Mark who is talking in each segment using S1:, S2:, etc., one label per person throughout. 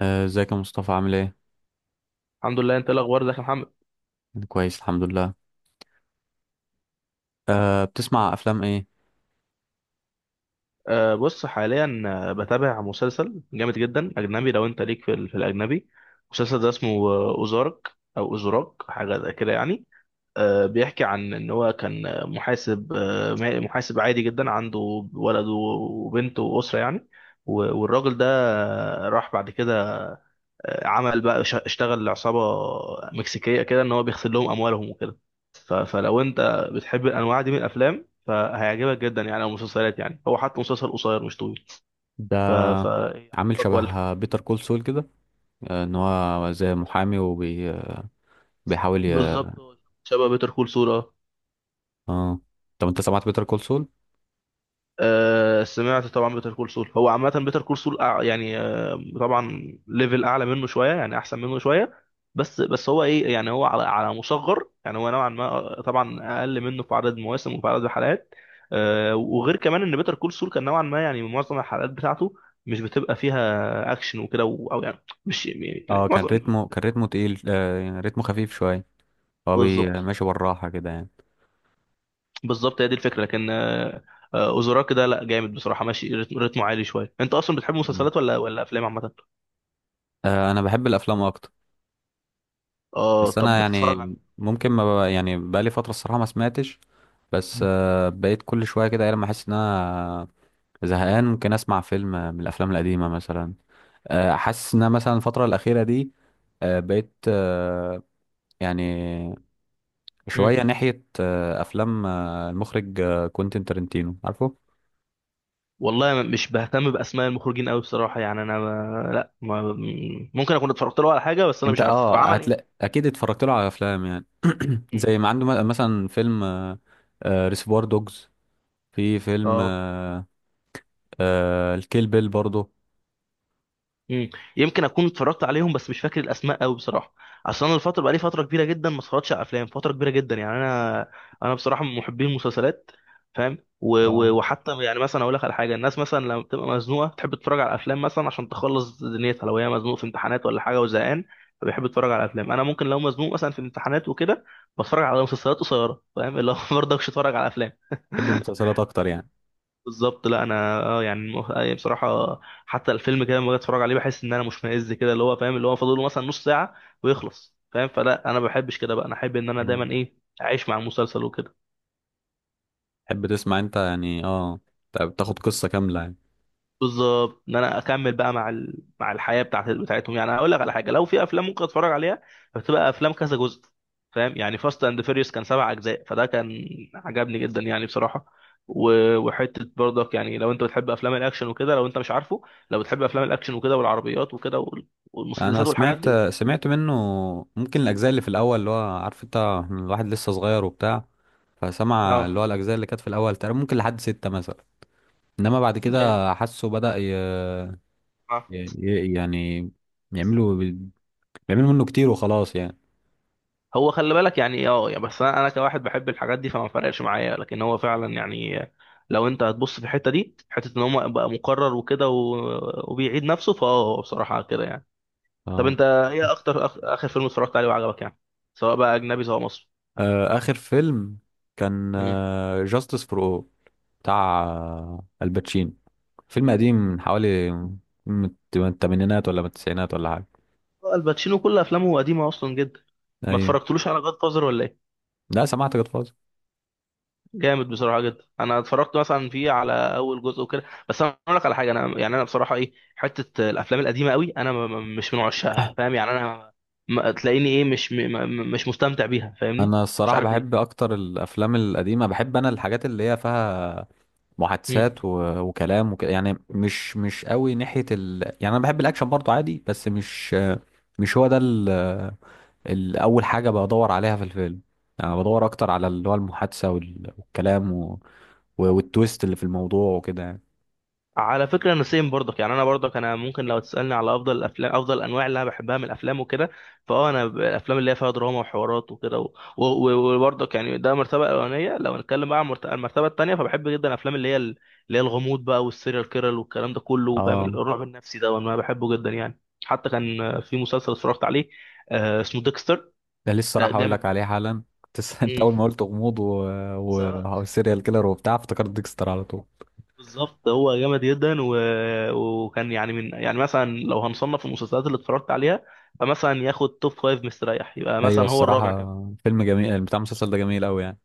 S1: ازيك يا مصطفى، عامل ايه؟
S2: الحمد لله. انت ايه الاخبار؟ ازيك يا محمد؟
S1: كويس، الحمد لله. بتسمع افلام ايه؟
S2: بص حاليا، بتابع مسلسل جامد جدا اجنبي. لو انت ليك في الاجنبي، مسلسل ده اسمه اوزارك. او اوزراك، حاجه زي كده يعني. بيحكي عن ان هو كان محاسب، محاسب عادي جدا، عنده ولد وبنت واسره يعني. والراجل ده راح بعد كده عمل بقى، اشتغل لعصابة مكسيكية، كده ان هو بيغسل لهم اموالهم وكده. فلو انت بتحب الانواع دي من الافلام فهيعجبك جدا يعني، او مسلسلات يعني. هو حتى مسلسل قصير مش طويل. ف
S1: ده
S2: ف إيه،
S1: عامل
S2: عجبك ولا؟
S1: شبه بيتر كول سول كده. ان هو زي محامي وبيحاول ي...
S2: بالظبط. هو شبه بيتر كول سول.
S1: اه. طب انت سمعت بيتر كول سول؟
S2: سمعت طبعا بيتر كول سول. هو عامة بيتر كول سول يعني طبعا ليفل أعلى منه شوية، يعني أحسن منه شوية. بس هو إيه يعني، هو على مصغر يعني، هو نوعا ما طبعا أقل منه في عدد مواسم وفي عدد حلقات. وغير كمان إن بيتر كول سول كان نوعا ما يعني معظم الحلقات بتاعته مش بتبقى فيها أكشن وكده أو، يعني مش يعني
S1: اه. كان
S2: معظم.
S1: رتمه كان رتمه تقيل، يعني رتمه خفيف شوية. هو
S2: بالظبط.
S1: ماشي بالراحة كده يعني.
S2: بالظبط هي دي الفكرة، لكن أوزوراك ده لا جامد بصراحة، ماشي رتمه عالي شوية. أنت أصلا بتحب
S1: مم.
S2: مسلسلات ولا أفلام عامة؟
S1: انا بحب الافلام اكتر.
S2: اه.
S1: بس
S2: طب
S1: انا يعني،
S2: بتتفرج على؟
S1: ممكن ما ب... يعني بقالي فترة الصراحة ما سمعتش. بس
S2: مم.
S1: بقيت كل شوية كده، ايه لما احس ان انا زهقان ممكن اسمع فيلم من الافلام القديمه مثلا. حاسس ان أنا مثلا الفتره الاخيره دي بقيت، يعني
S2: مم.
S1: شويه ناحيه افلام المخرج كوينتين تارنتينو، عارفه؟
S2: والله مش بهتم باسماء المخرجين قوي بصراحه يعني، انا ما... لا ما... ممكن اكون اتفرجت له على حاجه، بس انا
S1: انت
S2: مش عارفه. طب عمل ايه طيب؟
S1: هتلاقي اكيد اتفرجت له على افلام يعني.
S2: مم.
S1: زي ما عنده مثلا فيلم ريسيفوار دوجز، في فيلم،
S2: اه.
S1: الكيل بيل برضه.
S2: مم. يمكن اكون اتفرجت عليهم بس مش فاكر الاسماء قوي بصراحه. اصل انا الفتره، بقالي فتره كبيره جدا ما اتفرجتش على افلام، فتره كبيره جدا يعني انا. بصراحه من محبين المسلسلات، فاهم.
S1: اه،
S2: وحتى يعني مثلا اقول لك على حاجه، الناس مثلا لما بتبقى مزنوقه تحب تتفرج على افلام مثلا عشان تخلص دنيتها، لو هي مزنوقه في امتحانات ولا حاجه وزهقان فبيحب يتفرج على افلام. انا ممكن لو مزنوق مثلا في امتحانات وكده بتفرج على مسلسلات قصيره، فاهم اللي هو، برضه مش اتفرج على افلام.
S1: بحب المسلسلات اكتر يعني.
S2: بالظبط. لا انا اه يعني بصراحه حتى الفيلم كده لما باجي اتفرج عليه بحس ان انا مشمئز كده، اللي هو فاهم، اللي هو فاضل له مثلا نص ساعه ويخلص، فاهم. فلا انا ما بحبش كده بقى، انا احب ان انا
S1: مم.
S2: دايما ايه، اعيش مع المسلسل وكده.
S1: تحب تسمع انت يعني، اه، بتاخد قصه كامله يعني.
S2: بالظبط، ان انا اكمل بقى مع الحياه بتاعتهم يعني. هقول لك على حاجه، لو في افلام ممكن اتفرج عليها بتبقى افلام كذا جزء، فاهم يعني. فاست اند فيريوس كان سبع اجزاء، فده كان عجبني جدا يعني بصراحه. و... وحته برضك يعني، لو انت بتحب افلام الاكشن وكده، لو انت مش عارفه، لو بتحب افلام الاكشن وكده والعربيات وكده
S1: انا
S2: والمسدسات والحاجات
S1: سمعت
S2: دي.
S1: سمعت منه، ممكن الاجزاء اللي في الاول، اللي هو عارف انت الواحد لسه صغير وبتاع. فسمع اللي
S2: اه
S1: هو الاجزاء اللي كانت في الاول تقريبا، ممكن لحد 6 مثلا. انما بعد
S2: جامد.
S1: كده حاسه بدأ يعني يعملوا بيعملوا منه كتير وخلاص يعني.
S2: هو خلي بالك يعني، اه يعني بس انا كواحد بحب الحاجات دي فما فرقش معايا، لكن هو فعلا يعني، لو انت هتبص في الحته دي حته ان هو بقى مكرر وكده وبيعيد نفسه، فاه بصراحه كده يعني. طب
S1: اه.
S2: انت ايه اكتر اخر فيلم اتفرجت عليه وعجبك يعني، سواء بقى اجنبي سواء مصري؟
S1: اخر فيلم كان
S2: امم.
S1: جاستس فور او، بتاع الباتشينو. فيلم قديم من حوالي، من من الثمانينات ولا من التسعينات ولا حاجه.
S2: الباتشينو كل افلامه قديمه اصلا جدا. ما
S1: ايوه.
S2: اتفرجتلوش على جاد فازر ولا ايه؟
S1: لا، سمعت جاد.
S2: جامد بصراحه جدا، انا اتفرجت مثلا فيه على اول جزء وكده. بس انا اقول لك على حاجه، انا يعني انا بصراحه ايه، حته الافلام القديمه قوي انا مش من عشاقها، فاهم يعني انا ما تلاقيني ايه، مش م- م- مش مستمتع بيها، فاهمني.
S1: انا
S2: مش
S1: الصراحه
S2: عارف
S1: بحب
S2: ليه.
S1: اكتر الافلام القديمه، بحب انا الحاجات اللي هي فيها
S2: مم.
S1: محادثات وكلام يعني، مش قوي ناحيه يعني انا بحب الاكشن برضو عادي، بس مش هو ده اول حاجه بدور عليها في الفيلم. يعني أنا بدور اكتر على اللي هو المحادثه والكلام والتويست اللي في الموضوع وكده يعني.
S2: على فكرة انا سيم برضك يعني، انا برضك انا ممكن لو تسألني على افضل الافلام، افضل الانواع اللي انا بحبها من الافلام وكده، فاه انا الافلام اللي هي فيها دراما وحوارات وكده و- و- وبرضك يعني، ده المرتبة الاولانية. لو نتكلم بقى عن المرتبة التانية فبحب جدا الافلام اللي هي اللي هي الغموض بقى والسيريال كيرل والكلام ده كله، فاهم،
S1: اه.
S2: الرعب النفسي ده وانا بحبه جدا يعني. حتى كان في مسلسل اتفرجت عليه، اسمه ديكستر.
S1: ده لسه راح اقول
S2: جامد
S1: لك
S2: جدا.
S1: عليه حالا، كنت انت
S2: مم.
S1: اول ما قلت غموض
S2: سواء.
S1: وسيريال كيلر وبتاع، افتكرت ديكستر على طول.
S2: بالظبط، هو جامد جدا. وكان يعني من، يعني مثلا لو هنصنف المسلسلات اللي اتفرجت عليها فمثلا ياخد توب فايف مستريح، يبقى
S1: ايوه
S2: مثلا هو الرابع
S1: الصراحه،
S2: كمان.
S1: فيلم جميل، بتاع المسلسل ده جميل قوي يعني.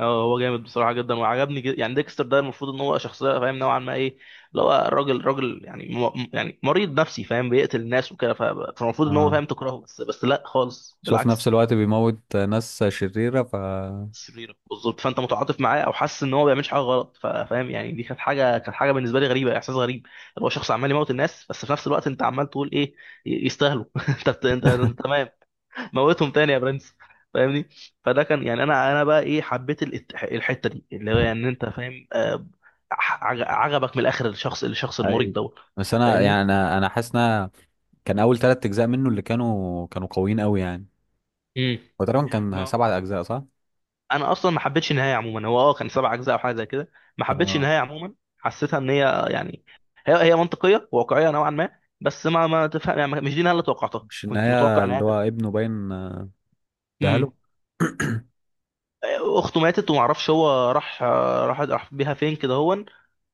S2: اه هو جامد بصراحه جدا وعجبني جدا يعني. ديكستر ده المفروض ان هو شخصيه، فاهم، نوعا ما ايه، اللي هو راجل راجل يعني، يعني مريض نفسي، فاهم، بيقتل الناس وكده. فالمفروض ان هو،
S1: اه.
S2: فاهم، تكرهه، بس لا خالص،
S1: شوف، في نفس
S2: بالعكس.
S1: الوقت بيموت ناس شريره.
S2: شريره، بالظبط. فانت متعاطف معاه او حاسس ان هو ما بيعملش حاجه غلط، فاهم يعني. دي كانت حاجه، بالنسبه لي غريبه، احساس غريب. اللي هو شخص عمال يموت الناس، بس في نفس الوقت انت عمال تقول ايه، يستاهلوا. انت أنت تمام، موتهم تاني يا برنس، فاهمني. فده كان يعني، انا بقى ايه، حبيت الحته دي، اللي هو يعني انت فاهم، عجبك من الاخر الشخص المريض
S1: ايوه،
S2: دوت،
S1: بس انا
S2: فاهمني.
S1: يعني، انا حاسس ان كان اول 3 اجزاء منه اللي كانوا قويين قوي يعني.
S2: امم.
S1: هو تقريبا كان 7 اجزاء، صح؟
S2: انا اصلا ما حبيتش النهايه عموما. هو اه كان سبع اجزاء او حاجه زي كده. ما حبيتش
S1: اه.
S2: النهايه عموما، حسيتها ان هي يعني هي منطقيه واقعيه نوعا ما، بس ما تفهم يعني، مش دي النهايه اللي توقعتها.
S1: مش
S2: كنت
S1: النهايه
S2: متوقع انها
S1: اللي هو
S2: تبقى.
S1: ابنه باين دهله.
S2: امم. اخته ماتت وما اعرفش هو راح آه، راح راح بيها فين كده، هون.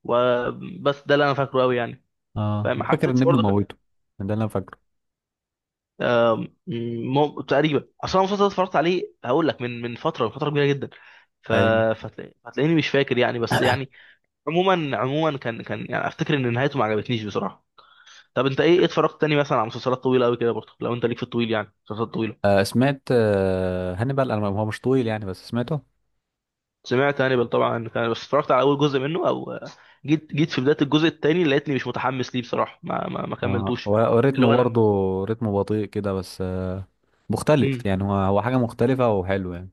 S2: وبس ده اللي انا فاكره قوي يعني.
S1: اه،
S2: فما
S1: فاكر ان
S2: حسيتش
S1: ابنه
S2: برضك ان
S1: موته، ده اللي انا فاكره.
S2: تقريبا اصلا المسلسل ده اتفرجت عليه، هقول لك، من من فتره، من فتره كبيره جدا. ف...
S1: ايوه.
S2: فتلاقيني مش فاكر يعني، بس يعني عموما كان يعني افتكر ان نهايته ما عجبتنيش بصراحه. طب انت ايه اتفرجت تاني مثلا على مسلسلات طويله قوي كده برضه؟ لو انت ليك في الطويل، يعني مسلسلات طويله.
S1: سمعت، هانيبال، انا هو مش طويل يعني بس سمعته.
S2: سمعت هانيبال طبعا، كان بس اتفرجت على اول جزء منه، او جيت في بدايه الجزء التاني لقيتني مش متحمس ليه بصراحه، ما
S1: اه،
S2: كملتوش.
S1: هو
S2: اللي
S1: رتمه
S2: هو
S1: برضه،
S2: لما.
S1: رتمه بطيء كده، بس
S2: امم.
S1: مختلف يعني، هو حاجة مختلفة وحلو يعني.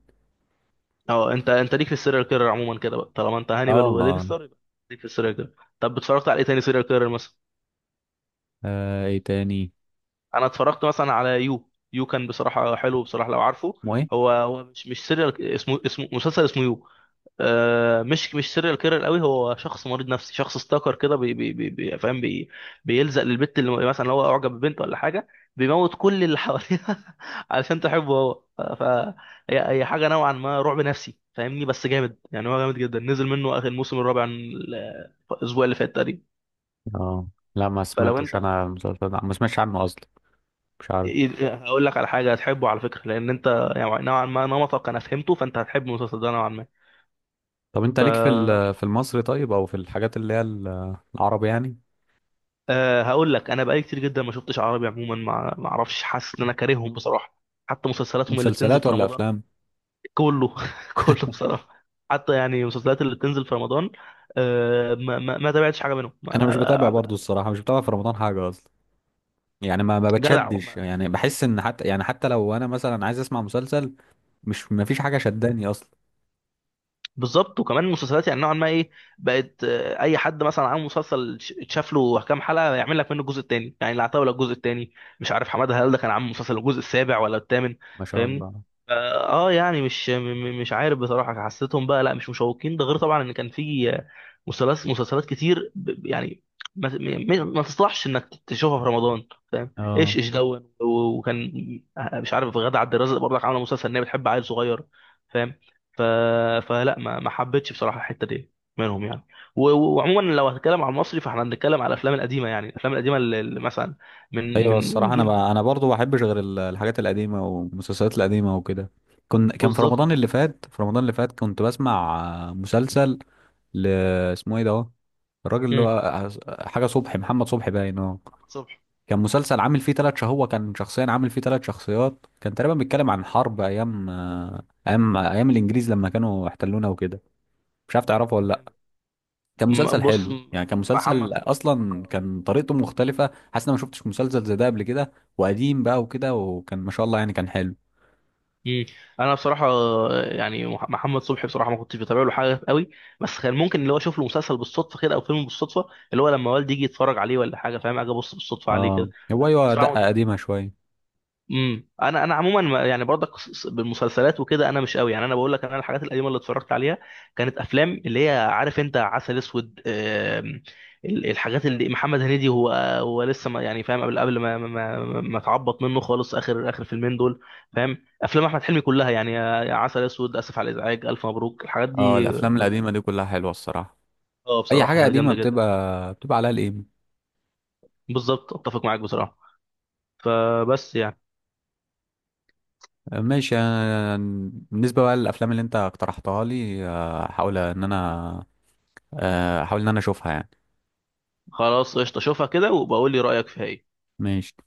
S2: اه انت ليك في السيريال كيرر عموما كده بقى، طالما انت
S1: اه،
S2: هانيبال
S1: اه.
S2: وديكستر يبقى ليك في السيريال كيرر. طب اتفرجت على ايه تاني سيريال كيرر مثلا؟
S1: ايه تاني؟
S2: انا اتفرجت مثلا على يو. يو كان بصراحه حلو بصراحه، لو عارفه.
S1: اسمه ايه؟
S2: هو مش سيريال، اسمه مسلسل، اسمه يو. مش سيريال كيرر قوي، هو شخص مريض نفسي، شخص ستاكر كده، فاهم، بيلزق للبت اللي، مثلا لو هو اعجب ببنت ولا حاجه بيموت كل اللي حواليها علشان تحبه هو. هي هي حاجه نوعا ما رعب نفسي، فاهمني، بس جامد يعني. هو جامد جدا، نزل منه اخر الموسم الرابع الاسبوع اللي فات تقريبا.
S1: اه، لا، ما
S2: فلو
S1: سمعتش
S2: انت
S1: انا المسلسل ده، ما سمعتش عنه اصلا، مش عارف.
S2: هقول لك على حاجه هتحبه على فكره، لان انت يعني نوعا ما نمطك انا فهمته، فانت هتحب المسلسل ده نوعا ما.
S1: طب انت ليك في
S2: ف
S1: في المصري، طيب، او في الحاجات اللي هي العربي يعني؟
S2: هقول لك، انا بقالي كتير جدا ما شفتش عربي عموما، ما اعرفش، حاسس ان انا كارههم بصراحه. حتى مسلسلاتهم اللي بتنزل
S1: مسلسلات
S2: في
S1: ولا
S2: رمضان.
S1: افلام؟
S2: كله. كله بصراحه. حتى يعني المسلسلات اللي بتنزل في رمضان. ما تابعتش حاجه منهم. ما
S1: انا مش بتابع برضه الصراحة، مش بتابع في رمضان حاجة اصلا. يعني ما
S2: جدع،
S1: بتشدش،
S2: ما
S1: يعني
S2: مش
S1: بحس ان،
S2: مستاهل.
S1: حتى يعني حتى لو انا مثلا عايز اسمع مسلسل، مش ما فيش حاجة شداني اصلا.
S2: بالظبط. وكمان المسلسلات يعني نوعا ما ايه، بقت اي حد مثلا عامل مسلسل، اتشاف له كام حلقه يعمل لك منه الجزء الثاني، يعني العتاوله الجزء الثاني. مش عارف حماده هلال ده كان عامل مسلسل الجزء السابع ولا الثامن،
S1: ما شاء
S2: فاهمني.
S1: الله.
S2: اه. يعني مش م- م- مش عارف بصراحه، حسيتهم بقى لا مش مشوقين. ده غير طبعا ان كان في مسلسلات كتير يعني ما تصلحش انك تشوفها في رمضان، فاهم.
S1: اه،
S2: ايش ايش دون وكان مش عارف غادة عبد الرازق برضك عامله مسلسل ان هي بتحب عيل صغير، فاهم. ف... فلا ما حبيتش بصراحه الحته دي منهم يعني. وعموما لو هتكلم على المصري فاحنا هنتكلم على الافلام القديمه يعني، الافلام القديمه اللي مثلا
S1: ايوه
S2: من
S1: الصراحه، انا
S2: جيل
S1: انا
S2: بقى.
S1: برضو ما بحبش غير الحاجات القديمه والمسلسلات القديمه وكده. كان في
S2: بالظبط.
S1: رمضان اللي فات، كنت بسمع مسلسل، ل... اسمه ايه ده هو؟ الراجل اللي
S2: مم.
S1: هو حاجه صبحي، محمد صبحي باين. اه.
S2: محمد صبحي.
S1: كان مسلسل عامل فيه 3 شهور، هو كان شخصيا عامل فيه 3 شخصيات. كان تقريبا بيتكلم عن حرب ايام، ايام الانجليز لما كانوا احتلونا وكده. مش عارف تعرفه ولا؟
S2: جامد.
S1: كان مسلسل
S2: بص.
S1: حلو يعني، كان
S2: محمد
S1: مسلسل،
S2: صبحي
S1: اصلا
S2: بصراحه.
S1: كان طريقته مختلفه، حاسس ان انا ما شفتش مسلسل زي ده قبل كده. وقديم بقى وكده، وكان ما شاء الله يعني كان حلو.
S2: مم. انا بصراحه يعني، محمد صبحي بصراحه ما كنتش بتابع له حاجه قوي، بس كان ممكن اللي هو اشوف له مسلسل بالصدفه كده، او فيلم بالصدفه، اللي هو لما والدي يجي يتفرج عليه ولا حاجه فاهم، اجي ابص بالصدفه عليه
S1: اه،
S2: كده.
S1: هو
S2: لكن
S1: ايوه
S2: بصراحه ما
S1: دقه
S2: كنتش.
S1: قديمه شويه.
S2: امم. انا عموما يعني برضك بالمسلسلات وكده انا مش قوي يعني. انا بقول لك، انا الحاجات القديمه اللي اتفرجت عليها كانت افلام، اللي هي عارف انت، عسل اسود، الحاجات اللي محمد هنيدي. هو هو لسه ما يعني، فاهم، قبل ما اتعبط منه خالص، اخر فيلمين دول، فاهم، افلام احمد حلمي كلها يعني عسل اسود، اسف على الازعاج، الف مبروك، الحاجات
S1: اه،
S2: دي
S1: الافلام
S2: كلها.
S1: القديمه دي كلها حلوه الصراحه.
S2: اه
S1: اي
S2: بصراحه
S1: حاجه
S2: كانت
S1: قديمه
S2: جامده جدا.
S1: بتبقى عليها القيمه.
S2: بالظبط اتفق معاك بصراحه. فبس يعني.
S1: ماشي. أنا بالنسبه بقى للافلام اللي انت اقترحتها لي، هحاول ان انا اشوفها يعني.
S2: خلاص قشطه، شوفها كده وبقول لي رايك فيها ايه.
S1: ماشي